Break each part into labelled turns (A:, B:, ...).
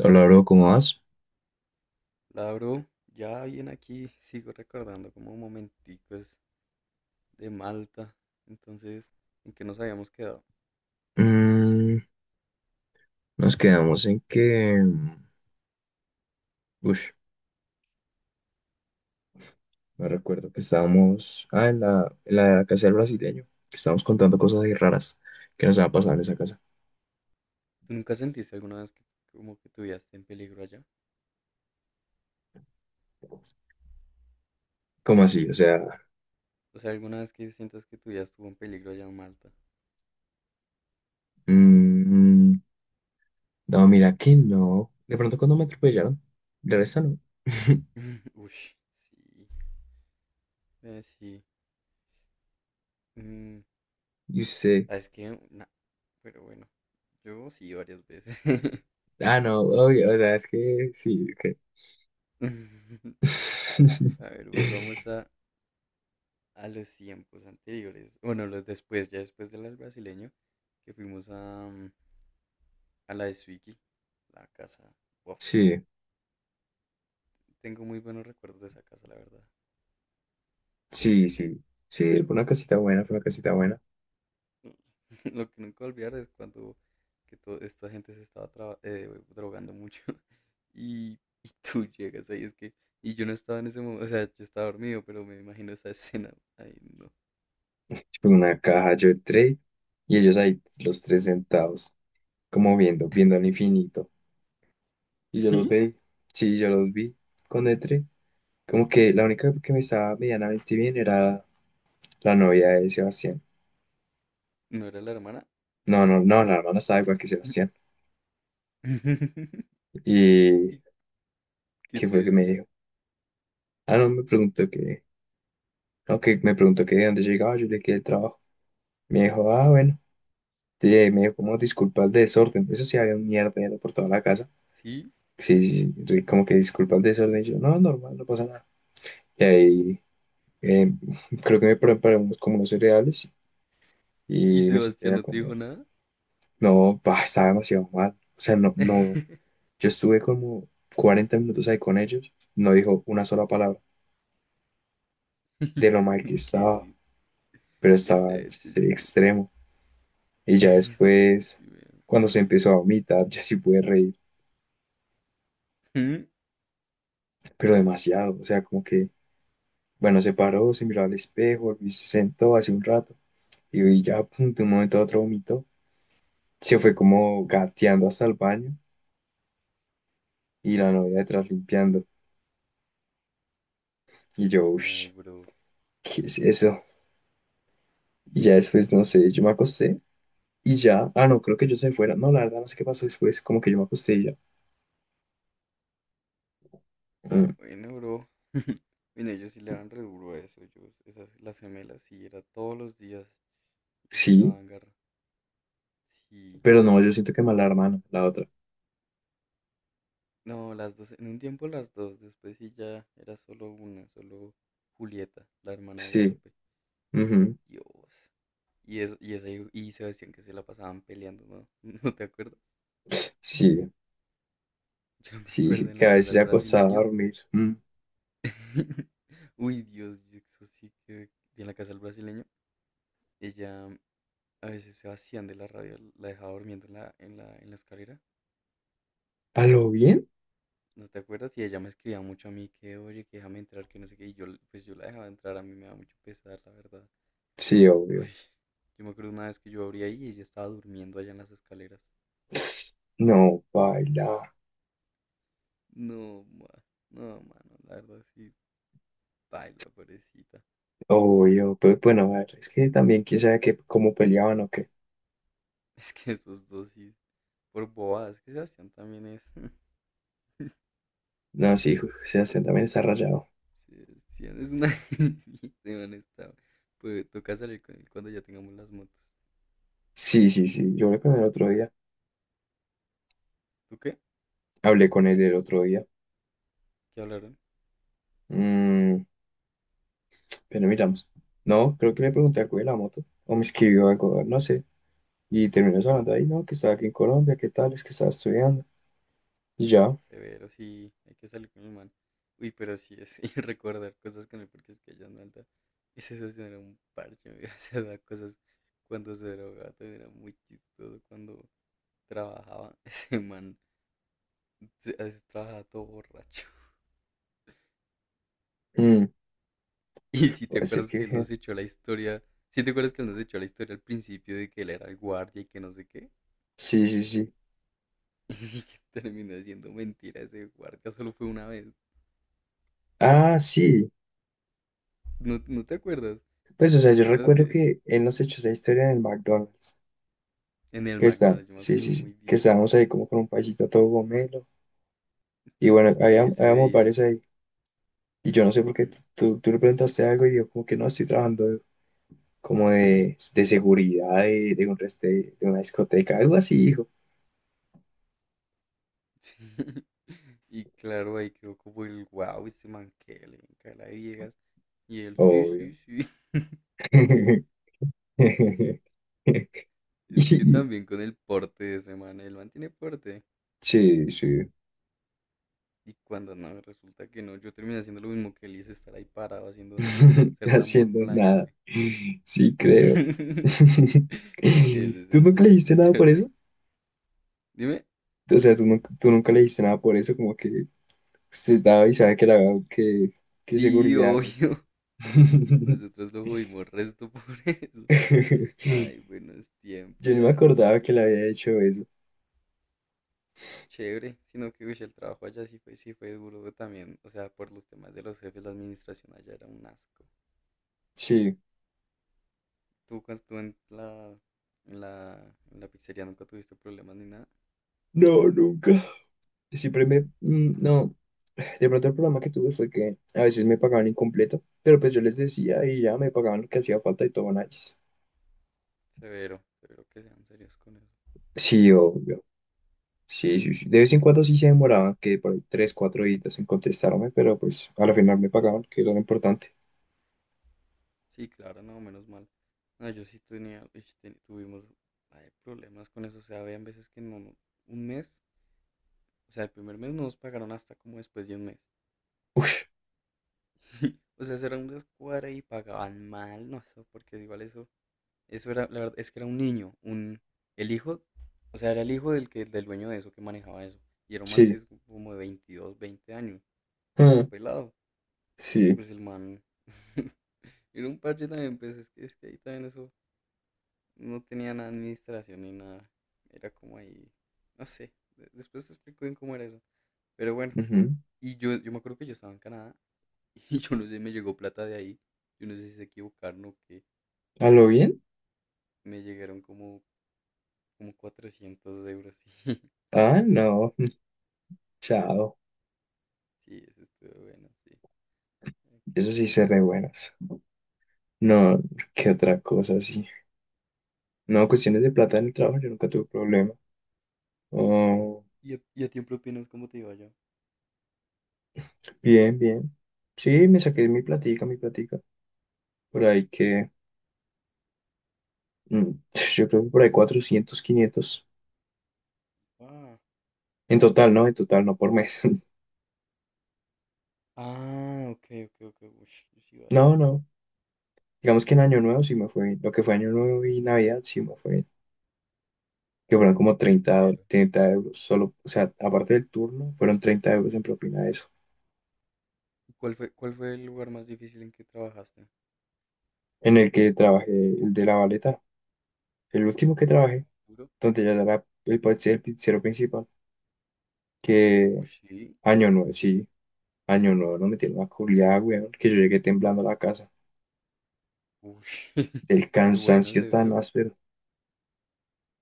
A: Hola, bro, ¿cómo vas?
B: La bro, ya bien aquí sigo recordando como momenticos de Malta. Entonces, ¿en qué nos habíamos quedado?
A: Mm, Nos quedamos en que... Ush, me recuerdo que estábamos... Ah, en la casa del brasileño. Que estábamos contando cosas ahí raras que nos han pasado en esa casa.
B: ¿Tú nunca sentiste alguna vez que como que tu vida esté en peligro allá?
A: ¿Cómo así? O sea...
B: O sea, ¿alguna vez que sientas que tu vida estuvo en peligro allá en Malta?
A: mm, no, mira que no. De pronto cuando me atropellaron. De resto no.
B: Ush, sí, sí. Mm,
A: Y usted...
B: ¿Sabes qué? Nah, pero bueno, yo sí varias veces.
A: Ah, no, obvio. O sea, es que sí, que...
B: A ver, volvamos a los tiempos anteriores. Bueno, los después, ya después del brasileño, que fuimos a la de Swiggy, la casa. Uf,
A: Sí,
B: tengo muy buenos recuerdos de esa casa, la verdad.
A: sí, sí. Sí, fue una casita buena, fue una casita buena.
B: Lo que nunca olvidar es cuando que toda esta gente se estaba drogando mucho y, y tú llegas ahí, es que, y yo no estaba en ese momento, o sea, yo estaba dormido, pero me imagino esa escena. Ay, no.
A: Tipo, en una caja yo trade y ellos ahí los tres sentados, como viendo, viendo al infinito. Y yo los
B: ¿Sí?
A: vi, sí, yo los vi con Etre. Como que la única que me estaba medianamente bien era la novia de Sebastián.
B: ¿No era la hermana?
A: No, no, no, la hermana estaba igual que Sebastián. ¿Y
B: ¿Y qué
A: qué
B: te
A: fue lo que me dijo?
B: decían?
A: Ah, no, me preguntó que, no, que me preguntó que de dónde llegaba, yo le quedé el trabajo. Me dijo, ah, bueno. Sí, me dijo, como disculpa el desorden. Eso sí, había un mierdero por toda la casa.
B: ¿Sí?
A: Sí, sí, sí, como que disculpa el desorden. Y yo, no, normal, no pasa nada. Y ahí eh, creo que me preparamos como unos cereales
B: ¿Y
A: y me senté
B: Sebastián
A: a
B: no te dijo
A: comer.
B: nada?
A: No, pa, estaba demasiado mal. O sea, no, no. Yo estuve como 40 minutos ahí con ellos. No dijo una sola palabra de lo mal que
B: Qué
A: estaba,
B: risa.
A: pero
B: Esa
A: estaba sí,
B: gente, sí,
A: extremo. Y ya
B: esa gente
A: después,
B: sí me da
A: cuando
B: mucha
A: se
B: risa.
A: empezó a vomitar, yo sí pude reír,
B: ¿Mm?
A: pero demasiado. O sea, como que, bueno, se paró, se miró al espejo y se sentó hace un rato. Y ya, pum, de un momento a otro vomitó. Se fue como gateando hasta el baño y la novia detrás limpiando. Y yo,
B: Ay,
A: uff,
B: bro.
A: ¿qué es eso? Y ya después, no sé, yo me acosté y ya, ah, no, creo que yo se fuera. No, la verdad, no sé qué pasó después, como que yo me acosté y ya.
B: Ah,
A: "Mm,
B: bueno, bro. Mira, ellos sí le dan re duro a eso. Yo, esas, las gemelas, sí, era todos los días. Y así se
A: sí,
B: van garra. Sí.
A: pero no, yo siento que mala hermana, la otra.
B: No, las dos, en un tiempo las dos, después sí ya era solo una, solo Julieta, la hermana de
A: Sí,
B: Guadalupe.
A: ujú.
B: Dios. Y eso, y esa y Sebastián que se la pasaban peleando, ¿no? ¿No te acuerdas?
A: Sí,
B: Yo me
A: sí,
B: acuerdo
A: sí,
B: en
A: que
B: la
A: a
B: casa
A: veces se
B: del
A: acostaba a
B: brasileño.
A: dormir. "Mm,
B: Uy, Dios, eso sí que. Y en la casa del brasileño. Ella, a veces Sebastián de la radio la dejaba durmiendo en la escalera,
A: ¿a lo bien?
B: ¿no te acuerdas? Y ella me escribía mucho a mí que, oye, que déjame entrar, que no sé qué. Y yo, pues yo la dejaba entrar, a mí me da mucho pesar, la verdad.
A: Sí,
B: Uy,
A: obvio.
B: yo me acuerdo una vez que yo abrí ahí y ella estaba durmiendo allá en las escaleras.
A: No, baila,
B: No, no, mano, la verdad sí, baila, pobrecita.
A: obvio, pero bueno, a ver, es que también quién sabe que, cómo peleaban o qué.
B: Es que esos dos sí, por bobadas, es que Sebastián también es.
A: No, sí, Sebastián también está rayado.
B: Sebastián es una. Sí, Sebastián está. Pues toca salir con él cuando ya tengamos las motos.
A: Sí, sí, sí, yo hablé con el otro día.
B: ¿Tú qué?
A: Hablé con él el otro día.
B: ¿Qué hablaron?
A: Mm, pero miramos. No, creo que le pregunté algo de la moto. O me escribió algo, no sé. Y terminó hablando ahí, ¿no? Que estaba aquí en Colombia, ¿qué tal? Es que estaba estudiando. Y ya.
B: Severo, sí, hay que salir con el man. Uy, pero sí es, y recordar cosas con él porque es que yo no alta. Ese socio era un parche, me hacía dar cosas cuando se drogaba, también era muy chistoso cuando trabajaba. Ese man a veces trabajaba todo borracho.
A: Mm,
B: Y si te
A: pues es
B: acuerdas
A: que
B: que él
A: dije,
B: nos echó la historia, si te acuerdas que él nos echó la historia al principio de que él era el guardia y que no sé qué,
A: sí, sí, sí.
B: y que terminó siendo mentira ese guardia, solo fue una vez.
A: Ah, sí.
B: ¿No, no te acuerdas?
A: Pues, o sea,
B: ¿No?
A: yo
B: ¿Te acuerdas
A: recuerdo
B: que
A: que él nos echó esa historia en el McDonald's.
B: en el
A: Que está,
B: McDonald's? Yo me
A: sí,
B: acuerdo
A: sí, sí.
B: muy
A: Que
B: bien.
A: estábamos ahí como con un paisito todo gomelo. Y bueno,
B: Y que ahí él se
A: habíamos varios
B: veía.
A: ahí. Y yo no sé por qué
B: Mm,
A: tú le preguntaste algo y yo como que no estoy trabajando como de seguridad de una discoteca, algo así, hijo.
B: sí. Y claro, ahí quedó como el wow, este man que le encae la viejas. Y él, sí,
A: Obvio.
B: sí, sí. Es es que
A: Y-
B: también con el porte de ese man, el man tiene porte.
A: Sí, sí.
B: Y cuando no, resulta que no, yo terminé haciendo lo mismo que él y hice, estar ahí parado haciendo nada, ser lamborn
A: Haciendo
B: con la
A: nada.
B: gente.
A: Sí, creo.
B: Eso, eso,
A: ¿Tú nunca
B: eso,
A: le
B: me
A: dijiste nada
B: hace
A: por eso?
B: reír. Dime,
A: O sea, tú nunca le dijiste nada por eso? Como que usted daba y sabe que la
B: sí,
A: que, que
B: sí,
A: seguridad, hay.
B: obvio. Nosotros lo jodimos resto por eso. Ay, buenos tiempos,
A: Yo ni
B: la
A: me
B: verdad.
A: acordaba que le había hecho eso.
B: Chévere, sino que uy, el trabajo allá sí fue duro también. O sea, por los temas de los jefes, la administración allá era un asco.
A: Sí.
B: ¿Tú cuando estuvo en la pizzería nunca tuviste problemas ni nada?
A: No, nunca. Siempre me, no, de pronto el problema que tuve fue que a veces me pagaban incompleto, pero pues yo les decía y ya me pagaban lo que hacía falta y todo nice.
B: Severo, severo que sean serios con eso.
A: Sí, obvio. Sí, sí, sí. De vez en cuando sí se demoraban, que por ahí 3, 4 días en contestarme, pero pues al final me pagaban, que era lo importante.
B: Sí, claro, no, menos mal. No, yo sí tenía, tuvimos ay, problemas con eso. O sea, habían veces que un mes, o sea, el primer mes no nos pagaron hasta como después de un mes. O sea, eso era una escuadra y pagaban mal, no sé, porque igual eso, eso era, la verdad, es que era un niño, un, el hijo, o sea, era el hijo del que, del dueño de eso que manejaba eso, y era un
A: Sí.
B: maltés como de 22 20 años,
A: Ah,
B: un pelado, y
A: sí.
B: pues el man, era un parche también, pues es que ahí también eso, no tenía nada de administración ni nada, era como ahí, no sé, de- después te explico bien cómo era eso, pero bueno,
A: Ujú.
B: y yo me acuerdo que yo estaba en Canadá, y yo no sé, me llegó plata de ahí, yo no sé si se equivocaron o qué,
A: ¿A lo bien?
B: me llegaron como 400 euros.
A: Ah, no. Chao.
B: Sí, sí, eso estuvo bueno, sí. A ver, ¿qué
A: Eso sí se
B: más? A
A: re
B: ver.
A: buenas. No, qué otra cosa, sí. No, cuestiones de plata en el trabajo, yo nunca tuve problema. Oh.
B: Y a ti en propinas cómo te iba yo?
A: Bien, bien. Sí, me saqué mi platica, mi platica. Por ahí que, mm, yo creo que por ahí 400, 500.
B: Ah,
A: En total, ¿no? En total, no por mes.
B: ah, ok, ok, ok. Ush, yo sí iba a
A: No,
B: decir.
A: no. Digamos que en Año Nuevo sí me fue bien. Lo que fue Año Nuevo y Navidad sí me fue bien. Que fueron como
B: Severo.
A: 30 euros solo. O sea, aparte del turno, fueron 30 euros en propina de eso.
B: ¿Y? ¿Cuál fue el lugar más difícil en que trabajaste?
A: En el que trabajé, el de la baleta. El último que trabajé,
B: ¿Duro?
A: donde ya era el, el pizzero principal.
B: Uy,
A: Que
B: sí,
A: Año Nuevo, sí. Año nuevo nos metieron una culiada, weón, que yo llegué temblando a la casa
B: uy,
A: del
B: pero bueno,
A: cansancio tan
B: severo.
A: áspero.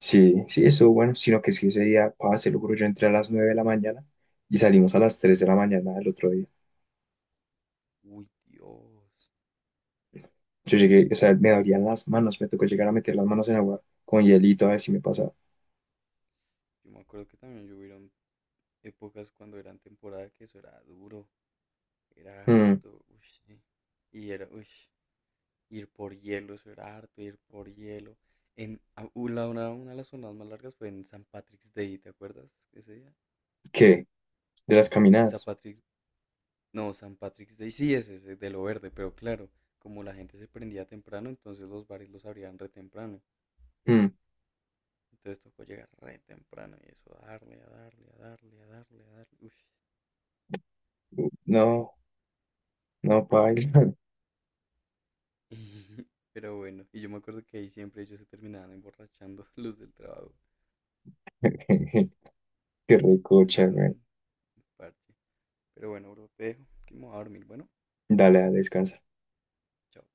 A: Sí, sí, estuvo bueno, sino que es que ese día, pa, se lo juro, yo entré a las 9 de la mañana y salimos a las 3 de la mañana del otro día.
B: Uy, Dios.
A: Yo llegué, o sea, me
B: Yo me,
A: dolían las manos, me tocó llegar a meter las manos en agua con hielito a ver si me pasaba.
B: yo me acuerdo que también yo hubieron épocas cuando eran temporada que eso era duro, era
A: Mm,
B: harto, uy, sí. Y era, uy, ir por hielo, eso era harto, ir por hielo. En, a- u- una de las zonas más largas fue en San Patrick's Day, ¿te acuerdas ese día?
A: ¿Qué? ¿De las
B: En San
A: caminadas?
B: Patrick's, no, San Patrick's Day sí ese es de lo verde, pero claro, como la gente se prendía temprano, entonces los bares los abrían re temprano.
A: Mm,
B: Entonces tocó llegar re temprano y eso, darle, a darle, a darle, a darle, a darle, uy.
A: no, no, pa.
B: Pero bueno, y yo me acuerdo que ahí siempre ellos se terminaban emborrachando los del trabajo.
A: Qué
B: Ese
A: recocha,
B: era
A: güey.
B: un parche. Pero bueno, bro, te dejo, que me voy a dormir, bueno.
A: Dale, dale, descansa.
B: Chao.